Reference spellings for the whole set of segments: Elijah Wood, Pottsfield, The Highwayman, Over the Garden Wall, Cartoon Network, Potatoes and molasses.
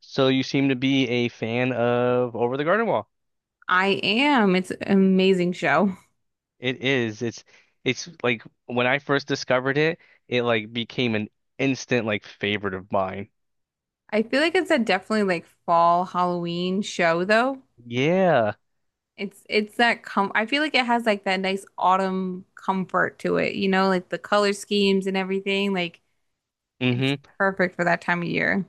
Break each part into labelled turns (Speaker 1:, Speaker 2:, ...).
Speaker 1: So you seem to be a fan of Over the Garden Wall.
Speaker 2: I am. It's an amazing show.
Speaker 1: It is. It's like when I first discovered it, it like became an instant like favorite of mine.
Speaker 2: I feel like it's a definitely like fall Halloween show though.
Speaker 1: Yeah.
Speaker 2: It's that com I feel like it has like that nice autumn comfort to it, you know, like the color schemes and everything. Like it's
Speaker 1: hmm
Speaker 2: perfect for that time of year.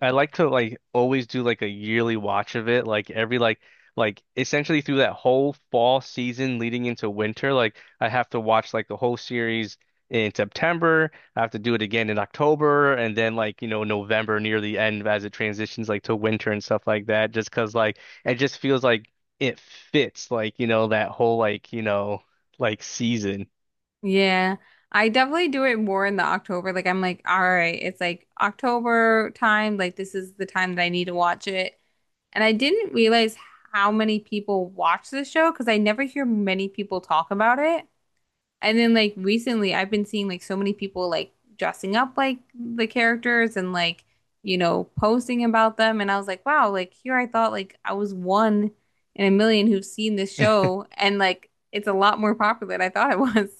Speaker 1: I like to like always do like a yearly watch of it, like every like essentially through that whole fall season leading into winter, like I have to watch like the whole series in September. I have to do it again in October and then like, you know, November near the end as it transitions like to winter and stuff like that, just 'cause like it just feels like it fits like, you know, that whole like, you know, like season.
Speaker 2: Yeah. I definitely do it more in the October. Like I'm like, all right, it's like October time. Like this is the time that I need to watch it. And I didn't realize how many people watch this show because I never hear many people talk about it. And then like recently I've been seeing like so many people like dressing up like the characters and like, you know, posting about them and I was like, wow, like here I thought like I was one in a 1,000,000 who's seen this show and like it's a lot more popular than I thought it was.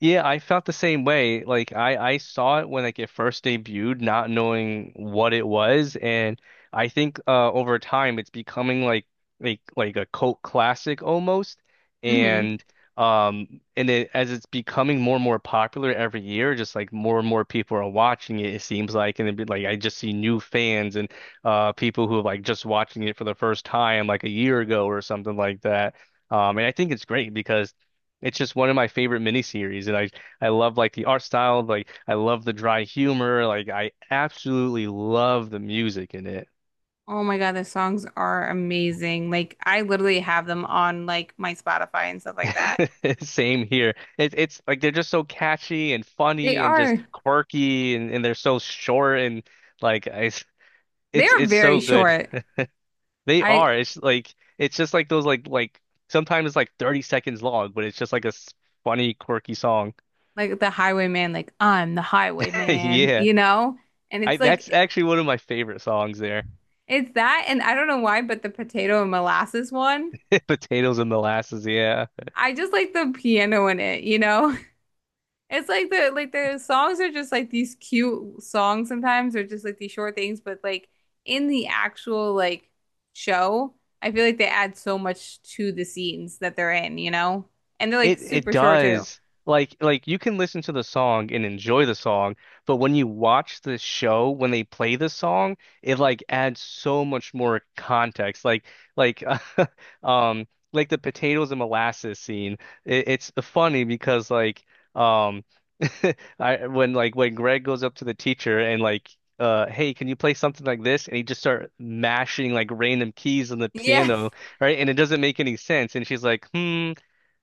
Speaker 1: Yeah, I felt the same way. Like I saw it when like it first debuted, not knowing what it was, and I think over time it's becoming like like a cult classic almost.
Speaker 2: Hmm.
Speaker 1: And and it, as it's becoming more and more popular every year, just like more and more people are watching it, it seems like, and it'd be like I just see new fans and people who are like just watching it for the first time like a year ago or something like that. And I think it's great because. It's just one of my favorite miniseries, and I love like the art style, like I love the dry humor, like I absolutely love the music in it.
Speaker 2: Oh my God, the songs are amazing. Like I literally have them on like my Spotify and stuff like that.
Speaker 1: Same here. It's like they're just so catchy and
Speaker 2: They
Speaker 1: funny and just
Speaker 2: are,
Speaker 1: quirky, and they're so short and like it's
Speaker 2: they
Speaker 1: it's
Speaker 2: are
Speaker 1: it's
Speaker 2: very
Speaker 1: so good.
Speaker 2: short.
Speaker 1: They
Speaker 2: I
Speaker 1: are. It's like it's just like those like sometimes it's like 30 seconds long, but it's just like a funny, quirky song.
Speaker 2: like the Highwayman, like I'm the Highwayman,
Speaker 1: Yeah,
Speaker 2: you know? And
Speaker 1: I
Speaker 2: it's
Speaker 1: that's
Speaker 2: like
Speaker 1: actually one of my favorite songs there.
Speaker 2: it's that, and I don't know why, but the potato and molasses one,
Speaker 1: Potatoes and molasses, yeah.
Speaker 2: I just like the piano in it, you know? It's like the songs are just like these cute songs sometimes, or just like these short things, but like in the actual like show, I feel like they add so much to the scenes that they're in, you know? And they're like
Speaker 1: It
Speaker 2: super short too.
Speaker 1: does. Like you can listen to the song and enjoy the song, but when you watch the show, when they play the song, it like adds so much more context. Like like the potatoes and molasses scene. It, it's funny because like um I when like when Greg goes up to the teacher and like hey can you play something like this and he just start mashing like random keys on the
Speaker 2: Yeah.
Speaker 1: piano right and it doesn't make any sense and she's like hmm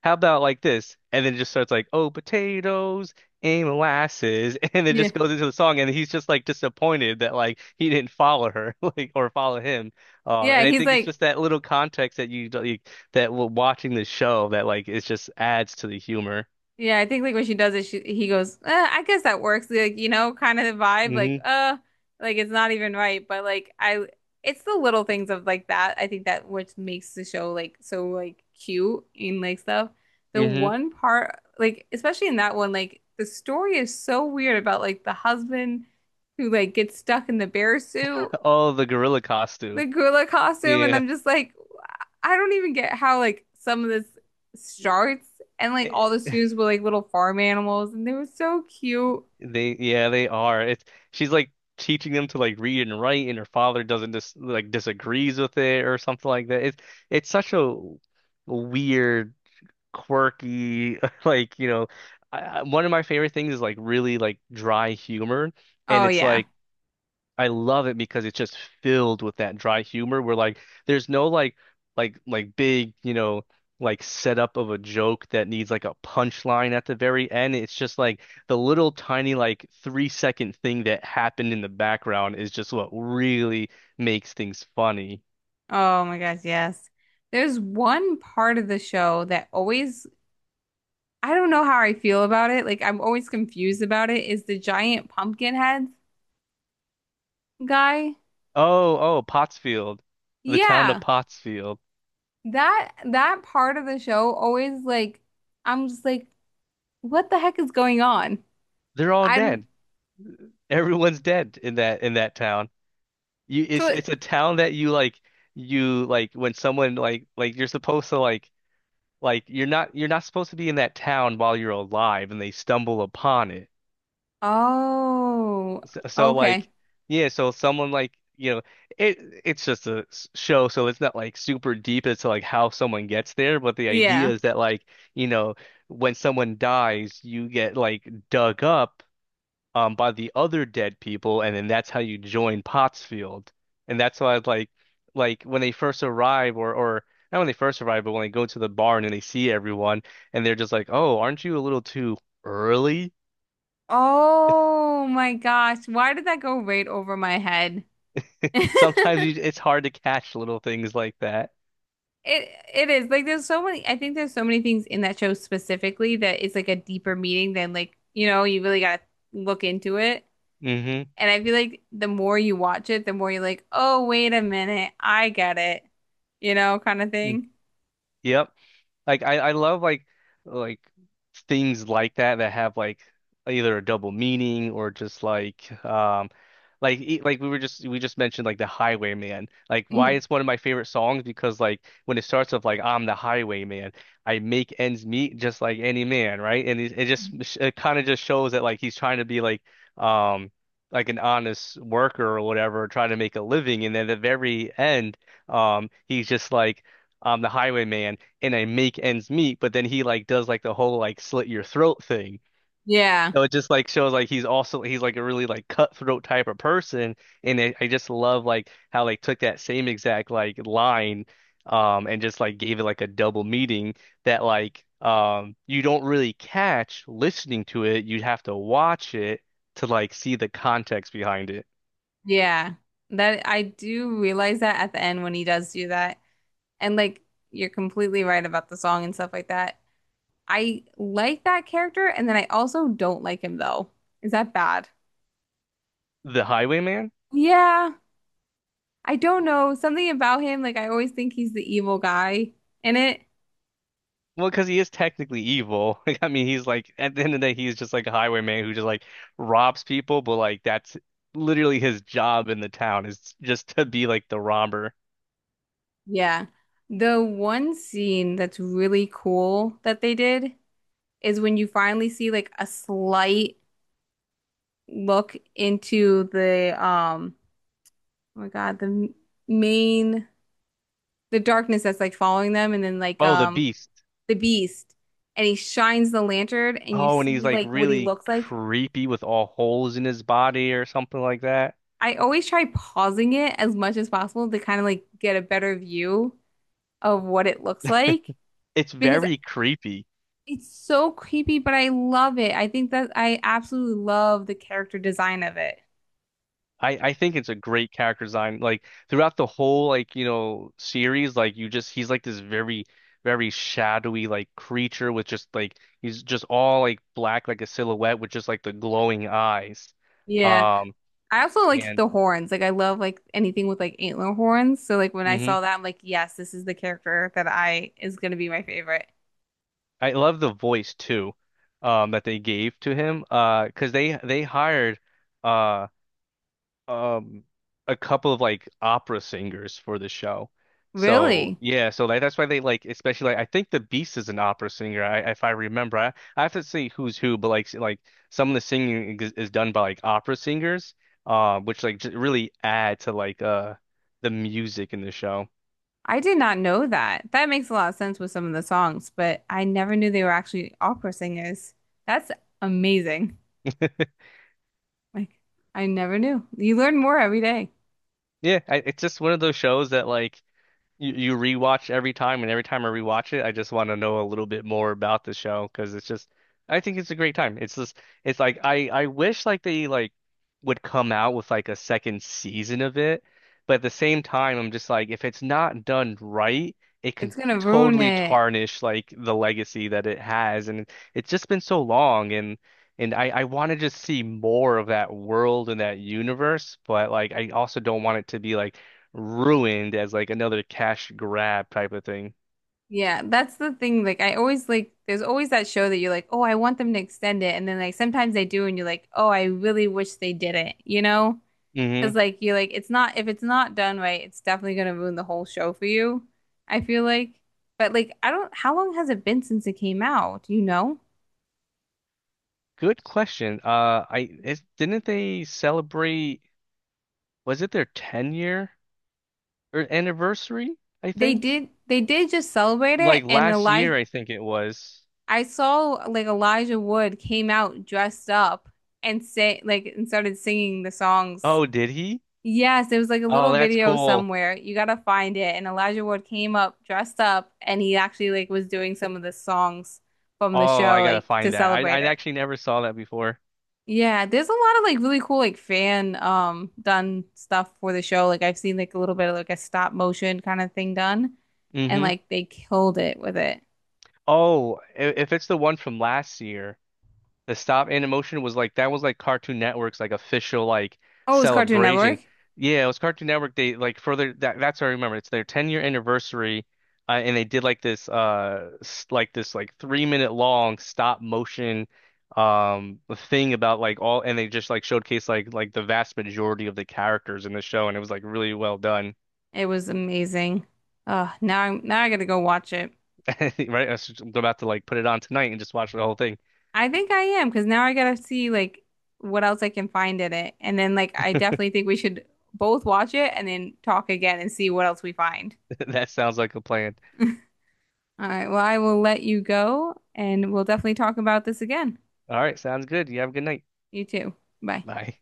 Speaker 1: how about like this and then it just starts like oh potatoes and molasses and it
Speaker 2: Yeah.
Speaker 1: just goes into the song and he's just like disappointed that like he didn't follow her like or follow him
Speaker 2: Yeah,
Speaker 1: and I
Speaker 2: he's
Speaker 1: think it's
Speaker 2: like
Speaker 1: just that little context that you like, that watching the show that like it just adds to the humor.
Speaker 2: yeah, I think like when she does it, she he goes, I guess that works, like you know, kind of the vibe,
Speaker 1: Hmm
Speaker 2: like it's not even right, but like I, it's the little things of like that. I think that which makes the show like so like cute and like stuff. The
Speaker 1: hmm
Speaker 2: one part, like especially in that one, like the story is so weird about like the husband who like gets stuck in the bear suit,
Speaker 1: Oh, the gorilla costume.
Speaker 2: the gorilla costume, and
Speaker 1: Yeah.
Speaker 2: I'm just like, I don't even get how like some of this starts and like all the
Speaker 1: Eh,
Speaker 2: students were like little farm animals and they were so cute.
Speaker 1: they yeah, they are. It's she's like teaching them to like read and write and her father doesn't dis like disagrees with it or something like that. It's such a weird, quirky like, you know, one of my favorite things is like really like dry humor and
Speaker 2: Oh
Speaker 1: it's
Speaker 2: yeah.
Speaker 1: like I love it because it's just filled with that dry humor where like there's no like like big, you know, like setup of a joke that needs like a punchline at the very end. It's just like the little tiny like 3 second thing that happened in the background is just what really makes things funny.
Speaker 2: Oh my gosh, yes. There's one part of the show that always I don't know how I feel about it. Like I'm always confused about it is the giant pumpkin head guy.
Speaker 1: Oh, oh, Pottsfield, the town of
Speaker 2: Yeah.
Speaker 1: Pottsfield.
Speaker 2: That that part of the show always like I'm just like what the heck is going on?
Speaker 1: They're all
Speaker 2: I
Speaker 1: dead. Everyone's dead in that town. You
Speaker 2: so it,
Speaker 1: it's a town that you like when someone like you're supposed to like you're not supposed to be in that town while you're alive and they stumble upon it.
Speaker 2: oh,
Speaker 1: So like
Speaker 2: okay.
Speaker 1: yeah, so someone like you know it it's just a show so it's not like super deep as to like how someone gets there, but the idea
Speaker 2: Yeah.
Speaker 1: is that like you know when someone dies you get like dug up by the other dead people, and then that's how you join Pottsfield. And that's why like when they first arrive or not when they first arrive, but when they go to the barn and they see everyone and they're just like, "Oh, aren't you a little too early?"
Speaker 2: Oh my gosh, why did that go right over my head?
Speaker 1: Sometimes you, it's hard to catch little things like that.
Speaker 2: It is like there's so many I think there's so many things in that show specifically that it's like a deeper meaning than like, you know, you really gotta look into it.
Speaker 1: Mm-hmm.
Speaker 2: And I feel like the more you watch it, the more you're like, "Oh, wait a minute, I get it." You know, kind of
Speaker 1: Mm,
Speaker 2: thing.
Speaker 1: yep. Like I love like things like that that have like either a double meaning or just like like we just mentioned like the Highwayman. Like why
Speaker 2: Mhm.
Speaker 1: it's one of my favorite songs because like when it starts off like I'm the Highwayman, I make ends meet just like any man, right? And it just it kind of just shows that like he's trying to be um like an honest worker or whatever, trying to make a living. And then at the very end, he's just like I'm the highwayman and I make ends meet, but then he like does like the whole like slit your throat thing.
Speaker 2: Yeah.
Speaker 1: So it just like shows like he's also he's like a really like cutthroat type of person, and I just love like how they took that same exact like line, and just like gave it like a double meaning that like you don't really catch listening to it. You'd have to watch it to like see the context behind it.
Speaker 2: Yeah, that I do realize that at the end when he does do that. And like you're completely right about the song and stuff like that. I like that character, and then I also don't like him though. Is that bad?
Speaker 1: The Highwayman?
Speaker 2: Yeah, I don't know. Something about him, like I always think he's the evil guy in it.
Speaker 1: Well, because he is technically evil. Like, I mean, he's like at the end of the day, he's just like a highwayman who just like robs people. But like that's literally his job in the town is just to be like the robber.
Speaker 2: Yeah. The one scene that's really cool that they did is when you finally see like a slight look into the um oh my God, the m- main the darkness that's like following them and then like
Speaker 1: Oh, the beast.
Speaker 2: the beast and he shines the lantern and you
Speaker 1: Oh, and he's
Speaker 2: see
Speaker 1: like
Speaker 2: like what he
Speaker 1: really
Speaker 2: looks like.
Speaker 1: creepy with all holes in his body or something like that.
Speaker 2: I always try pausing it as much as possible to kind of like get a better view of what it looks like
Speaker 1: It's
Speaker 2: because
Speaker 1: very creepy.
Speaker 2: it's so creepy, but I love it. I think that I absolutely love the character design of it.
Speaker 1: I think it's a great character design. Like throughout the whole like you know series, like you just he's like this very shadowy like creature with just like he's just all like black like a silhouette with just like the glowing eyes.
Speaker 2: Yeah.
Speaker 1: Um
Speaker 2: I also like
Speaker 1: and
Speaker 2: the horns. Like I love like anything with like antler horns. So like when I
Speaker 1: hmm
Speaker 2: saw that, I'm like, yes, this is the character that I is gonna be my favorite.
Speaker 1: I love the voice too, that they gave to him. Because they hired uh um a couple of like opera singers for the show. So
Speaker 2: Really?
Speaker 1: yeah, so like that's why they like especially like I think the Beast is an opera singer. I if I remember, I have to see who's who, but like like some of the singing is done by like opera singers, which like j really add to like the music in the show.
Speaker 2: I did not know that. That makes a lot of sense with some of the songs, but I never knew they were actually opera singers. That's amazing. Like, I never knew. You learn more every day.
Speaker 1: Yeah, I, it's just one of those shows that like you rewatch every time, and every time I rewatch it, I just want to know a little bit more about the show because it's just, I think it's a great time. It's just, it's like I wish like they like would come out with like a second season of it, but at the same time, I'm just like, if it's not done right, it can
Speaker 2: It's gonna ruin
Speaker 1: totally
Speaker 2: it.
Speaker 1: tarnish like the legacy that it has, and it's just been so long, and and I want to just see more of that world and that universe, but like I also don't want it to be like ruined as like another cash grab type of thing.
Speaker 2: Yeah, that's the thing. Like, I always like, there's always that show that you're like, oh, I want them to extend it. And then, like, sometimes they do, and you're like, oh, I really wish they did it, you know? Because,
Speaker 1: Hmm
Speaker 2: like, you're like, it's not, if it's not done right, it's definitely gonna ruin the whole show for you, I feel like. But, like, I don't, how long has it been since it came out? Do you know?
Speaker 1: Good question. I is, didn't they celebrate? Was it their 10 year or anniversary? I think
Speaker 2: They did just celebrate it,
Speaker 1: like
Speaker 2: and
Speaker 1: last
Speaker 2: Elijah
Speaker 1: year. I think it was.
Speaker 2: I saw like Elijah Wood came out dressed up and say like and started singing the songs.
Speaker 1: Oh, did he?
Speaker 2: Yes, there was like a
Speaker 1: Oh,
Speaker 2: little
Speaker 1: that's
Speaker 2: video
Speaker 1: cool.
Speaker 2: somewhere. You gotta find it. And Elijah Wood came up dressed up and he actually like was doing some of the songs from the
Speaker 1: Oh, I
Speaker 2: show
Speaker 1: gotta
Speaker 2: like to
Speaker 1: find that. I
Speaker 2: celebrate
Speaker 1: I
Speaker 2: it.
Speaker 1: actually never saw that before.
Speaker 2: Yeah, there's a lot of like really cool like fan done stuff for the show. Like I've seen like a little bit of like a stop motion kind of thing done and
Speaker 1: Hmm
Speaker 2: like they killed it with it.
Speaker 1: Oh, if it's the one from last year, the stop animation was like that was like Cartoon Network's like official like
Speaker 2: Oh, it was Cartoon
Speaker 1: celebration.
Speaker 2: Network.
Speaker 1: Yeah, it was Cartoon Network. They like further that's what I remember. It's their 10-year anniversary, and they did like this like this like 3 minute long stop motion um thing about like all and they just like showcased like the vast majority of the characters in the show, and it was like really well done.
Speaker 2: It was amazing. Now I'm now I gotta go watch it.
Speaker 1: Right, I'm about to like put it on tonight and just watch the whole thing.
Speaker 2: I think I am because now I gotta see like what else I can find in it, and then like I definitely think we should both watch it and then talk again and see what else we find.
Speaker 1: That sounds like a plan.
Speaker 2: All right, well I will let you go, and we'll definitely talk about this again.
Speaker 1: All right, sounds good. You have a good night.
Speaker 2: You too. Bye.
Speaker 1: Bye.